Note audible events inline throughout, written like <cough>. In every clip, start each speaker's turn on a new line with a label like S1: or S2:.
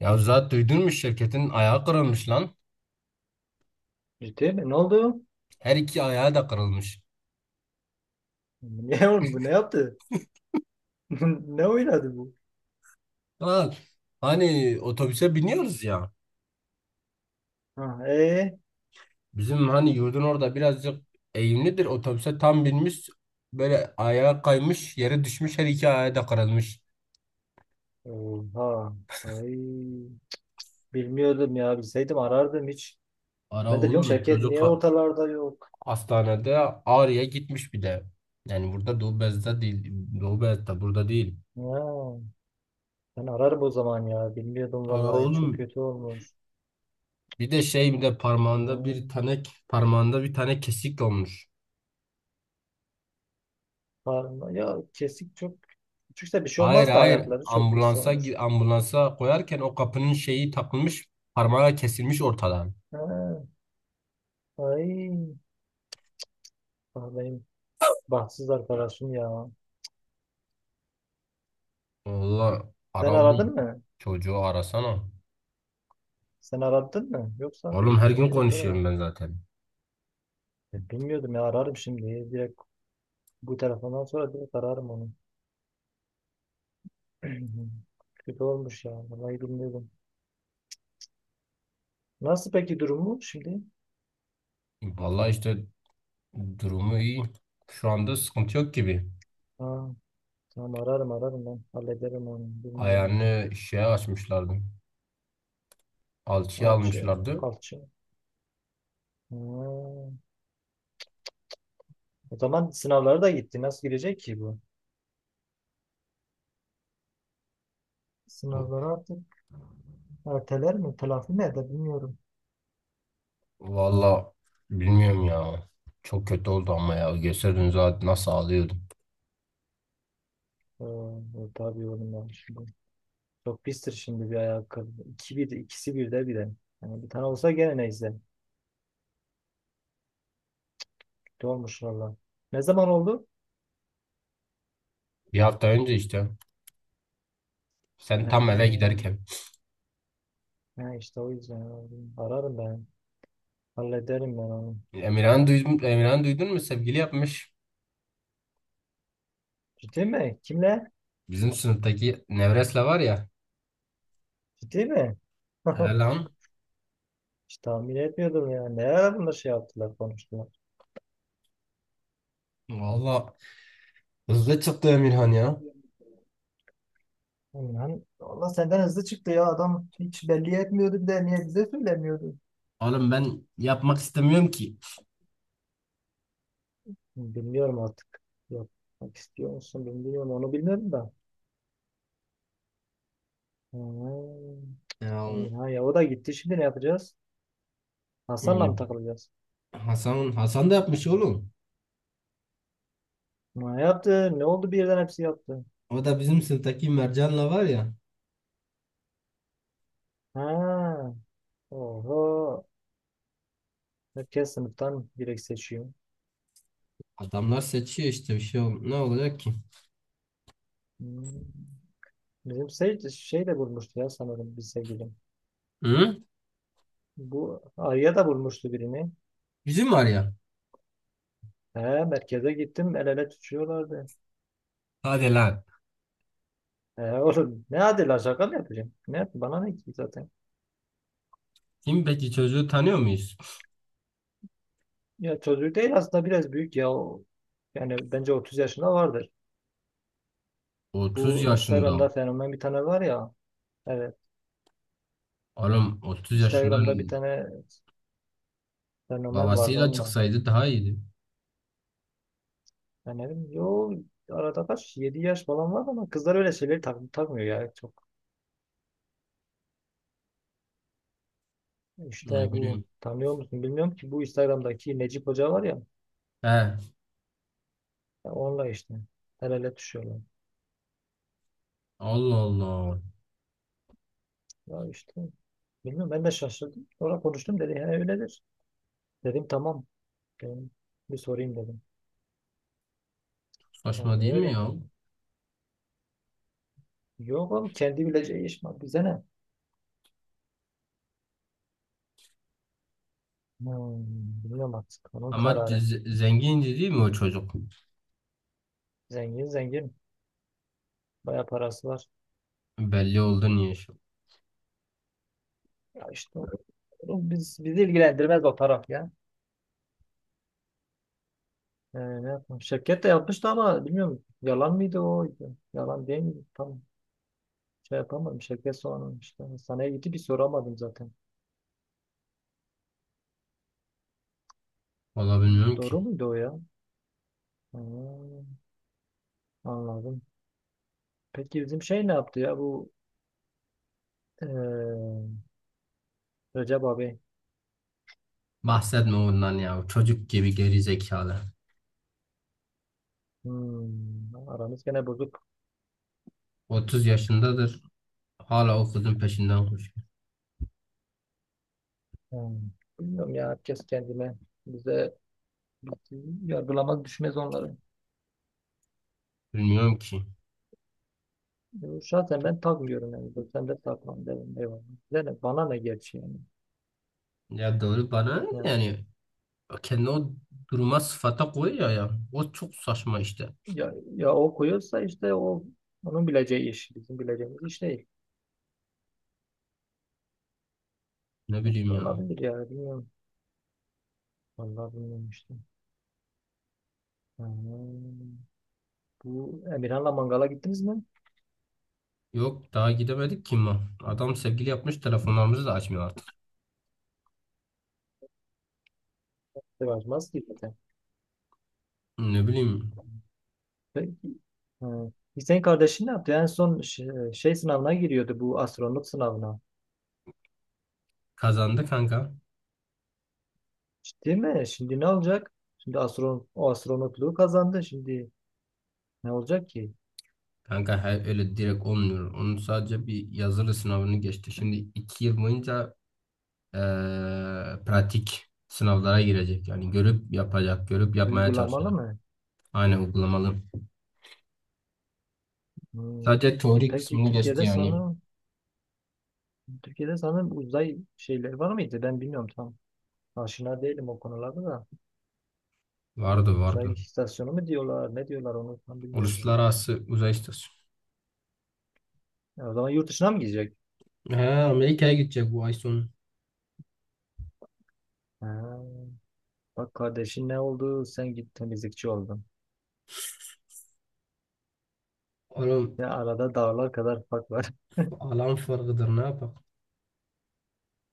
S1: Ya zaten duydun mu şirketin ayağı kırılmış lan.
S2: Ciddi mi? Ne oldu?
S1: Her iki ayağı da kırılmış.
S2: Ne oğlum bu ne yaptı? <laughs> Ne oynadı bu?
S1: Ya, hani otobüse biniyoruz ya.
S2: Ha, ee?
S1: Bizim hani yurdun orada birazcık eğimlidir. Otobüse tam binmiş. Böyle ayağı kaymış, yere düşmüş, her iki ayağı da kırılmış.
S2: Oha. Ay. Bilmiyordum ya. Bilseydim arardım hiç.
S1: Ara
S2: Ben de diyorum
S1: oğlum
S2: Şevket
S1: çocuk
S2: niye ortalarda yok?
S1: hastanede Ağrı'ya gitmiş bir de. Yani burada Doğu Beyazıt'ta değil. Doğu Beyazıt'ta burada değil.
S2: Ha, ben ararım o zaman ya. Bilmiyordum
S1: Ara
S2: vallahi. Çok
S1: oğlum
S2: kötü olmuş.
S1: bir de parmağında bir
S2: Ha,
S1: tane parmağında bir tane kesik olmuş.
S2: ya kesik çok küçükse bir şey
S1: Hayır
S2: olmaz da
S1: hayır,
S2: ayakları çok pis
S1: ambulansa
S2: olmuş.
S1: ambulansa koyarken o kapının şeyi takılmış, parmağı kesilmiş ortadan.
S2: Ha, ay. Ah, benim bahtsız arkadaşım ya.
S1: Valla
S2: Sen
S1: ara oğlum,
S2: aradın mı?
S1: çocuğu arasana.
S2: Sen aradın mı? Yoksa
S1: Oğlum her
S2: gittin
S1: gün
S2: direkt oraya.
S1: konuşuyorum ben zaten.
S2: E, bilmiyordum ya, ararım şimdi. Direkt bu telefondan sonra direkt ararım onu. <clears throat> Kötü olmuş ya. Vallahi bilmiyordum. Nasıl peki durumu şimdi?
S1: Valla işte durumu iyi. Şu anda sıkıntı yok gibi.
S2: Ha, tamam, ararım ararım ben. Hallederim onu. Bilmiyordum.
S1: Ayağını şeye açmışlardı. Alçıya
S2: Alçı.
S1: almışlardı.
S2: Alçı. Ha. O zaman sınavlara da gitti. Nasıl gidecek ki bu? Sınavları artık erteler mi? Telafi mi eder bilmiyorum.
S1: Valla bilmiyorum ya. Çok kötü oldu ama ya. Gösterdin zaten nasıl ağlıyordum.
S2: Ha, e, tabii oğlum ya şimdi. Çok pistir şimdi bir ayakkabı. İki bir, ikisi bir de bir de. Yani bir tane olsa gene neyse. Kötü olmuş valla. Ne zaman oldu?
S1: Bir hafta önce işte. Sen
S2: Ha,
S1: tam eve giderken.
S2: ha işte o yüzden aradım. Ararım ben. Hallederim ben onu.
S1: Emirhan duydun mu? Sevgili yapmış.
S2: Ciddi mi? Kimle?
S1: Bizim sınıftaki Nevres'le var ya.
S2: Ciddi mi?
S1: He
S2: <laughs>
S1: lan.
S2: Hiç tahmin etmiyordum ya. Ne ara bunlar şey yaptılar, konuştular.
S1: Valla hızlı çıktı Emirhan ya.
S2: Ulan valla senden hızlı çıktı ya, adam hiç belli etmiyordu, bir de niye bize söylemiyordu?
S1: Oğlum ben yapmak istemiyorum ki.
S2: Bilmiyorum artık. Yapmak istiyor musun bilmiyorum. Onu bilmiyorum da. Ha,
S1: Ya,
S2: aman ha ya, o da gitti. Şimdi ne yapacağız? Hasan'la
S1: e,
S2: mı takılacağız?
S1: Hasan da yapmış oğlum.
S2: Ne yaptı? Ne oldu birden hepsi yaptı?
S1: O da bizim sınıftaki Mercan'la var ya.
S2: Ha. Oho. Herkes sınıftan direkt seçiyor.
S1: Adamlar seçiyor işte, bir şey ol ne olacak ki?
S2: Hmm. Bizim şey de bulmuştu ya sanırım bir sevgilim.
S1: Hı?
S2: Bu Arya da bulmuştu birini.
S1: Bizim var ya.
S2: He, merkeze gittim, el ele tutuyorlardı.
S1: Hadi lan.
S2: He, <laughs> oğlum ne adıyla şaka mı yapacağım? Ne, bana ne ki zaten.
S1: Kim peki, çocuğu tanıyor muyuz?
S2: Ya çocuk değil aslında, biraz büyük ya. O, yani bence 30 yaşında vardır.
S1: 30
S2: Bu Instagram'da
S1: yaşında.
S2: fenomen bir tane var ya. Evet.
S1: Oğlum, 30 yaşından
S2: Instagram'da bir tane fenomen vardı,
S1: babasıyla
S2: onunla.
S1: çıksaydı daha iyiydi.
S2: Ben dedim yo, arada kaç 7 yaş falan var, ama kızlar öyle şeyleri takmıyor ya çok.
S1: Ne
S2: İşte bu,
S1: bileyim.
S2: tanıyor musun bilmiyorum ki, bu Instagram'daki Necip Hoca var ya,
S1: He.
S2: ya onunla işte el ele düşüyorlar.
S1: Allah Allah.
S2: Ya işte bilmiyorum, ben de şaşırdım. Sonra konuştum, dedi he öyledir. Dedim tamam, dedim bir sorayım dedim.
S1: Saçma
S2: Yani
S1: değil mi
S2: öyle.
S1: ya?
S2: Yok oğlum, kendi bileceği iş mi? Bize ne? Hmm, bilmiyorum artık, onun
S1: Ama
S2: kararı.
S1: zengindi değil mi o çocuk?
S2: Zengin zengin, bayağı parası var.
S1: Belli oldu niye şu?
S2: Ya işte oğlum, biz, bizi ilgilendirmez o taraf ya. Ne yapmış? Şirket de yapmıştı ama bilmiyorum, yalan mıydı o? Yalan değil miydi? Tam şey yapamadım. Şirket sonra işte hastaneye gitti, bir soramadım zaten.
S1: Valla bilmiyorum ki.
S2: Doğru muydu o ya? Ha, anladım. Peki bizim şey ne yaptı ya, bu eee Recep abi?
S1: Bahsetme ondan ya. Çocuk gibi geri zekalı.
S2: Hmm, aramız gene bozuk.
S1: 30 yaşındadır. Hala o kızın peşinden koşuyor.
S2: Hmm, bilmiyorum ya, herkes kendine. Bize yargılamaz düşmez onları.
S1: Bilmiyorum ki.
S2: Şahsen ben takmıyorum yani. Sen de takmam derim. Eyvallah. Bize ne, bana ne gerçi yani.
S1: Ya doğru, bana ne yani, kendi o duruma sıfata koyuyor ya. O çok saçma işte.
S2: Ya, ya o koyuyorsa işte o, onun bileceği iş. Bizim bileceğimiz iş değil.
S1: Ne bileyim ya.
S2: Olabilir yani, bilmiyorum. Vallahi bilmiyorum işte. Ha, bu Emirhan'la mangala gittiniz mi?
S1: Yok daha gidemedik ki ma. Adam sevgili yapmış, telefonlarımızı da açmıyor artık.
S2: Sevmez ki zaten.
S1: Ne bileyim.
S2: Peki. Ha. Hüseyin kardeşin ne yaptı? En son şey sınavına giriyordu, bu astronot sınavına.
S1: Kazandı kanka.
S2: Ciddi mi? Şimdi ne olacak? Şimdi o astronotluğu kazandı. Şimdi ne olacak ki?
S1: Kanka, her öyle direkt olmuyor. Onun sadece bir yazılı sınavını geçti. Şimdi 2 yıl boyunca eee, pratik sınavlara girecek. Yani görüp yapacak, görüp yapmaya
S2: Uygulamalı
S1: çalışacak.
S2: mı?
S1: Aynen uygulamalı.
S2: Hmm.
S1: Sadece
S2: E
S1: teori
S2: peki,
S1: kısmını geçti yani.
S2: Türkiye'de sanırım uzay şeyleri var mıydı? Ben bilmiyorum tam. Aşina değilim o konularda da.
S1: Vardı
S2: Uzay
S1: vardı.
S2: istasyonu mu diyorlar? Ne diyorlar onu tam bilmiyorum.
S1: Uluslararası uzay istasyonu.
S2: Ya o zaman yurt dışına mı gidecek?
S1: Ha, Amerika'ya gidecek bu ay sonu.
S2: Ha, bak kardeşin ne oldu? Sen git temizlikçi oldun.
S1: Oğlum
S2: Ya arada dağlar kadar fark var.
S1: alan farkıdır, ne yapak?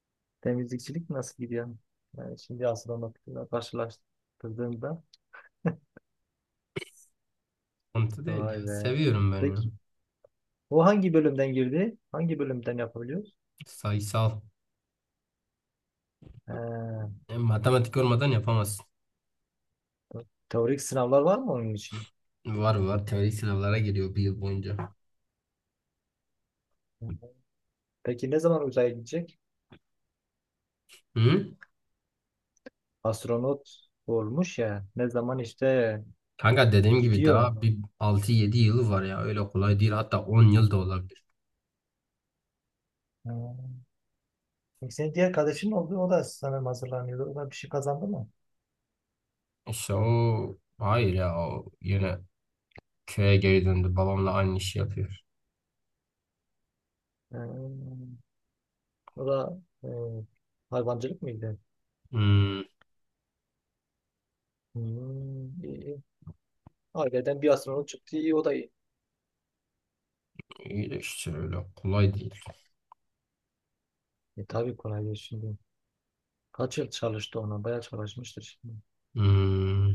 S2: <laughs> Temizlikçilik nasıl gidiyor? Yani şimdi astronomikle karşılaştırdığında.
S1: Sıkıntı değil
S2: Vay
S1: ya.
S2: be.
S1: Seviyorum ben ya.
S2: Peki o hangi bölümden girdi? Hangi bölümden yapabiliyoruz?
S1: Sayısal.
S2: Ha,
S1: E, matematik olmadan yapamazsın.
S2: teorik sınavlar var mı onun için?
S1: Var var, teorik sınavlara giriyor bir yıl boyunca.
S2: Peki ne zaman uzaya gidecek?
S1: Hı?
S2: Astronot olmuş ya. Ne zaman işte
S1: Kanka, dediğim gibi
S2: gidiyor.
S1: daha bir 6-7 yılı var ya, öyle kolay değil, hatta 10 yıl da olabilir.
S2: Ha. Peki senin diğer kardeşin oldu. O da sanırım hazırlanıyordu. O da bir şey kazandı mı?
S1: İşte o hayır ya, o yine köye geri döndü, babamla aynı işi yapıyor.
S2: Ee, o da e, hayvancılık mıydı?
S1: Hmm.
S2: Hmm, iyi, iyi. Aileden bir astronot çıktı. İyi o da iyi.
S1: iyi de işte öyle kolay değil.
S2: E, tabii kolay değil şimdi. Kaç yıl çalıştı ona? Bayağı çalışmıştır şimdi.
S1: Hmm,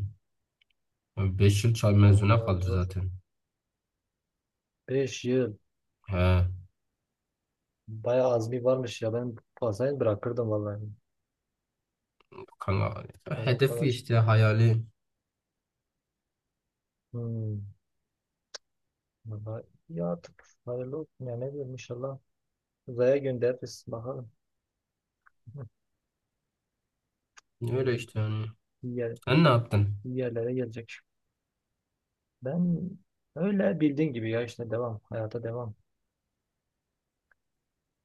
S1: 5 yıl çay
S2: Ha,
S1: mezuna
S2: bayağı
S1: kaldı
S2: zor.
S1: zaten.
S2: 5 yıl.
S1: He,
S2: Bayağı azmi varmış ya. Ben fazlayı bırakırdım vallahi.
S1: kanka
S2: Ben o
S1: hedefi
S2: kadar.
S1: işte, hayali
S2: Hmm. Vallahi ya, artık hayırlı olsun ya, ne diyeyim, inşallah uzaya göndeririz bakalım. <laughs> Hı.
S1: öyle işte yani.
S2: İyi, yer,
S1: Sen ne yaptın?
S2: iyi yerlere gelecek. Ben öyle bildiğin gibi ya, işte devam, hayata devam.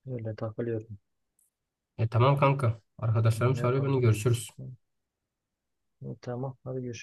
S2: Öyle takılıyorum.
S1: E tamam kanka, arkadaşlarım
S2: Ne
S1: çağırıyor,
S2: yapalım?
S1: beni görüşürüz.
S2: Hı, tamam, hadi görüşürüz.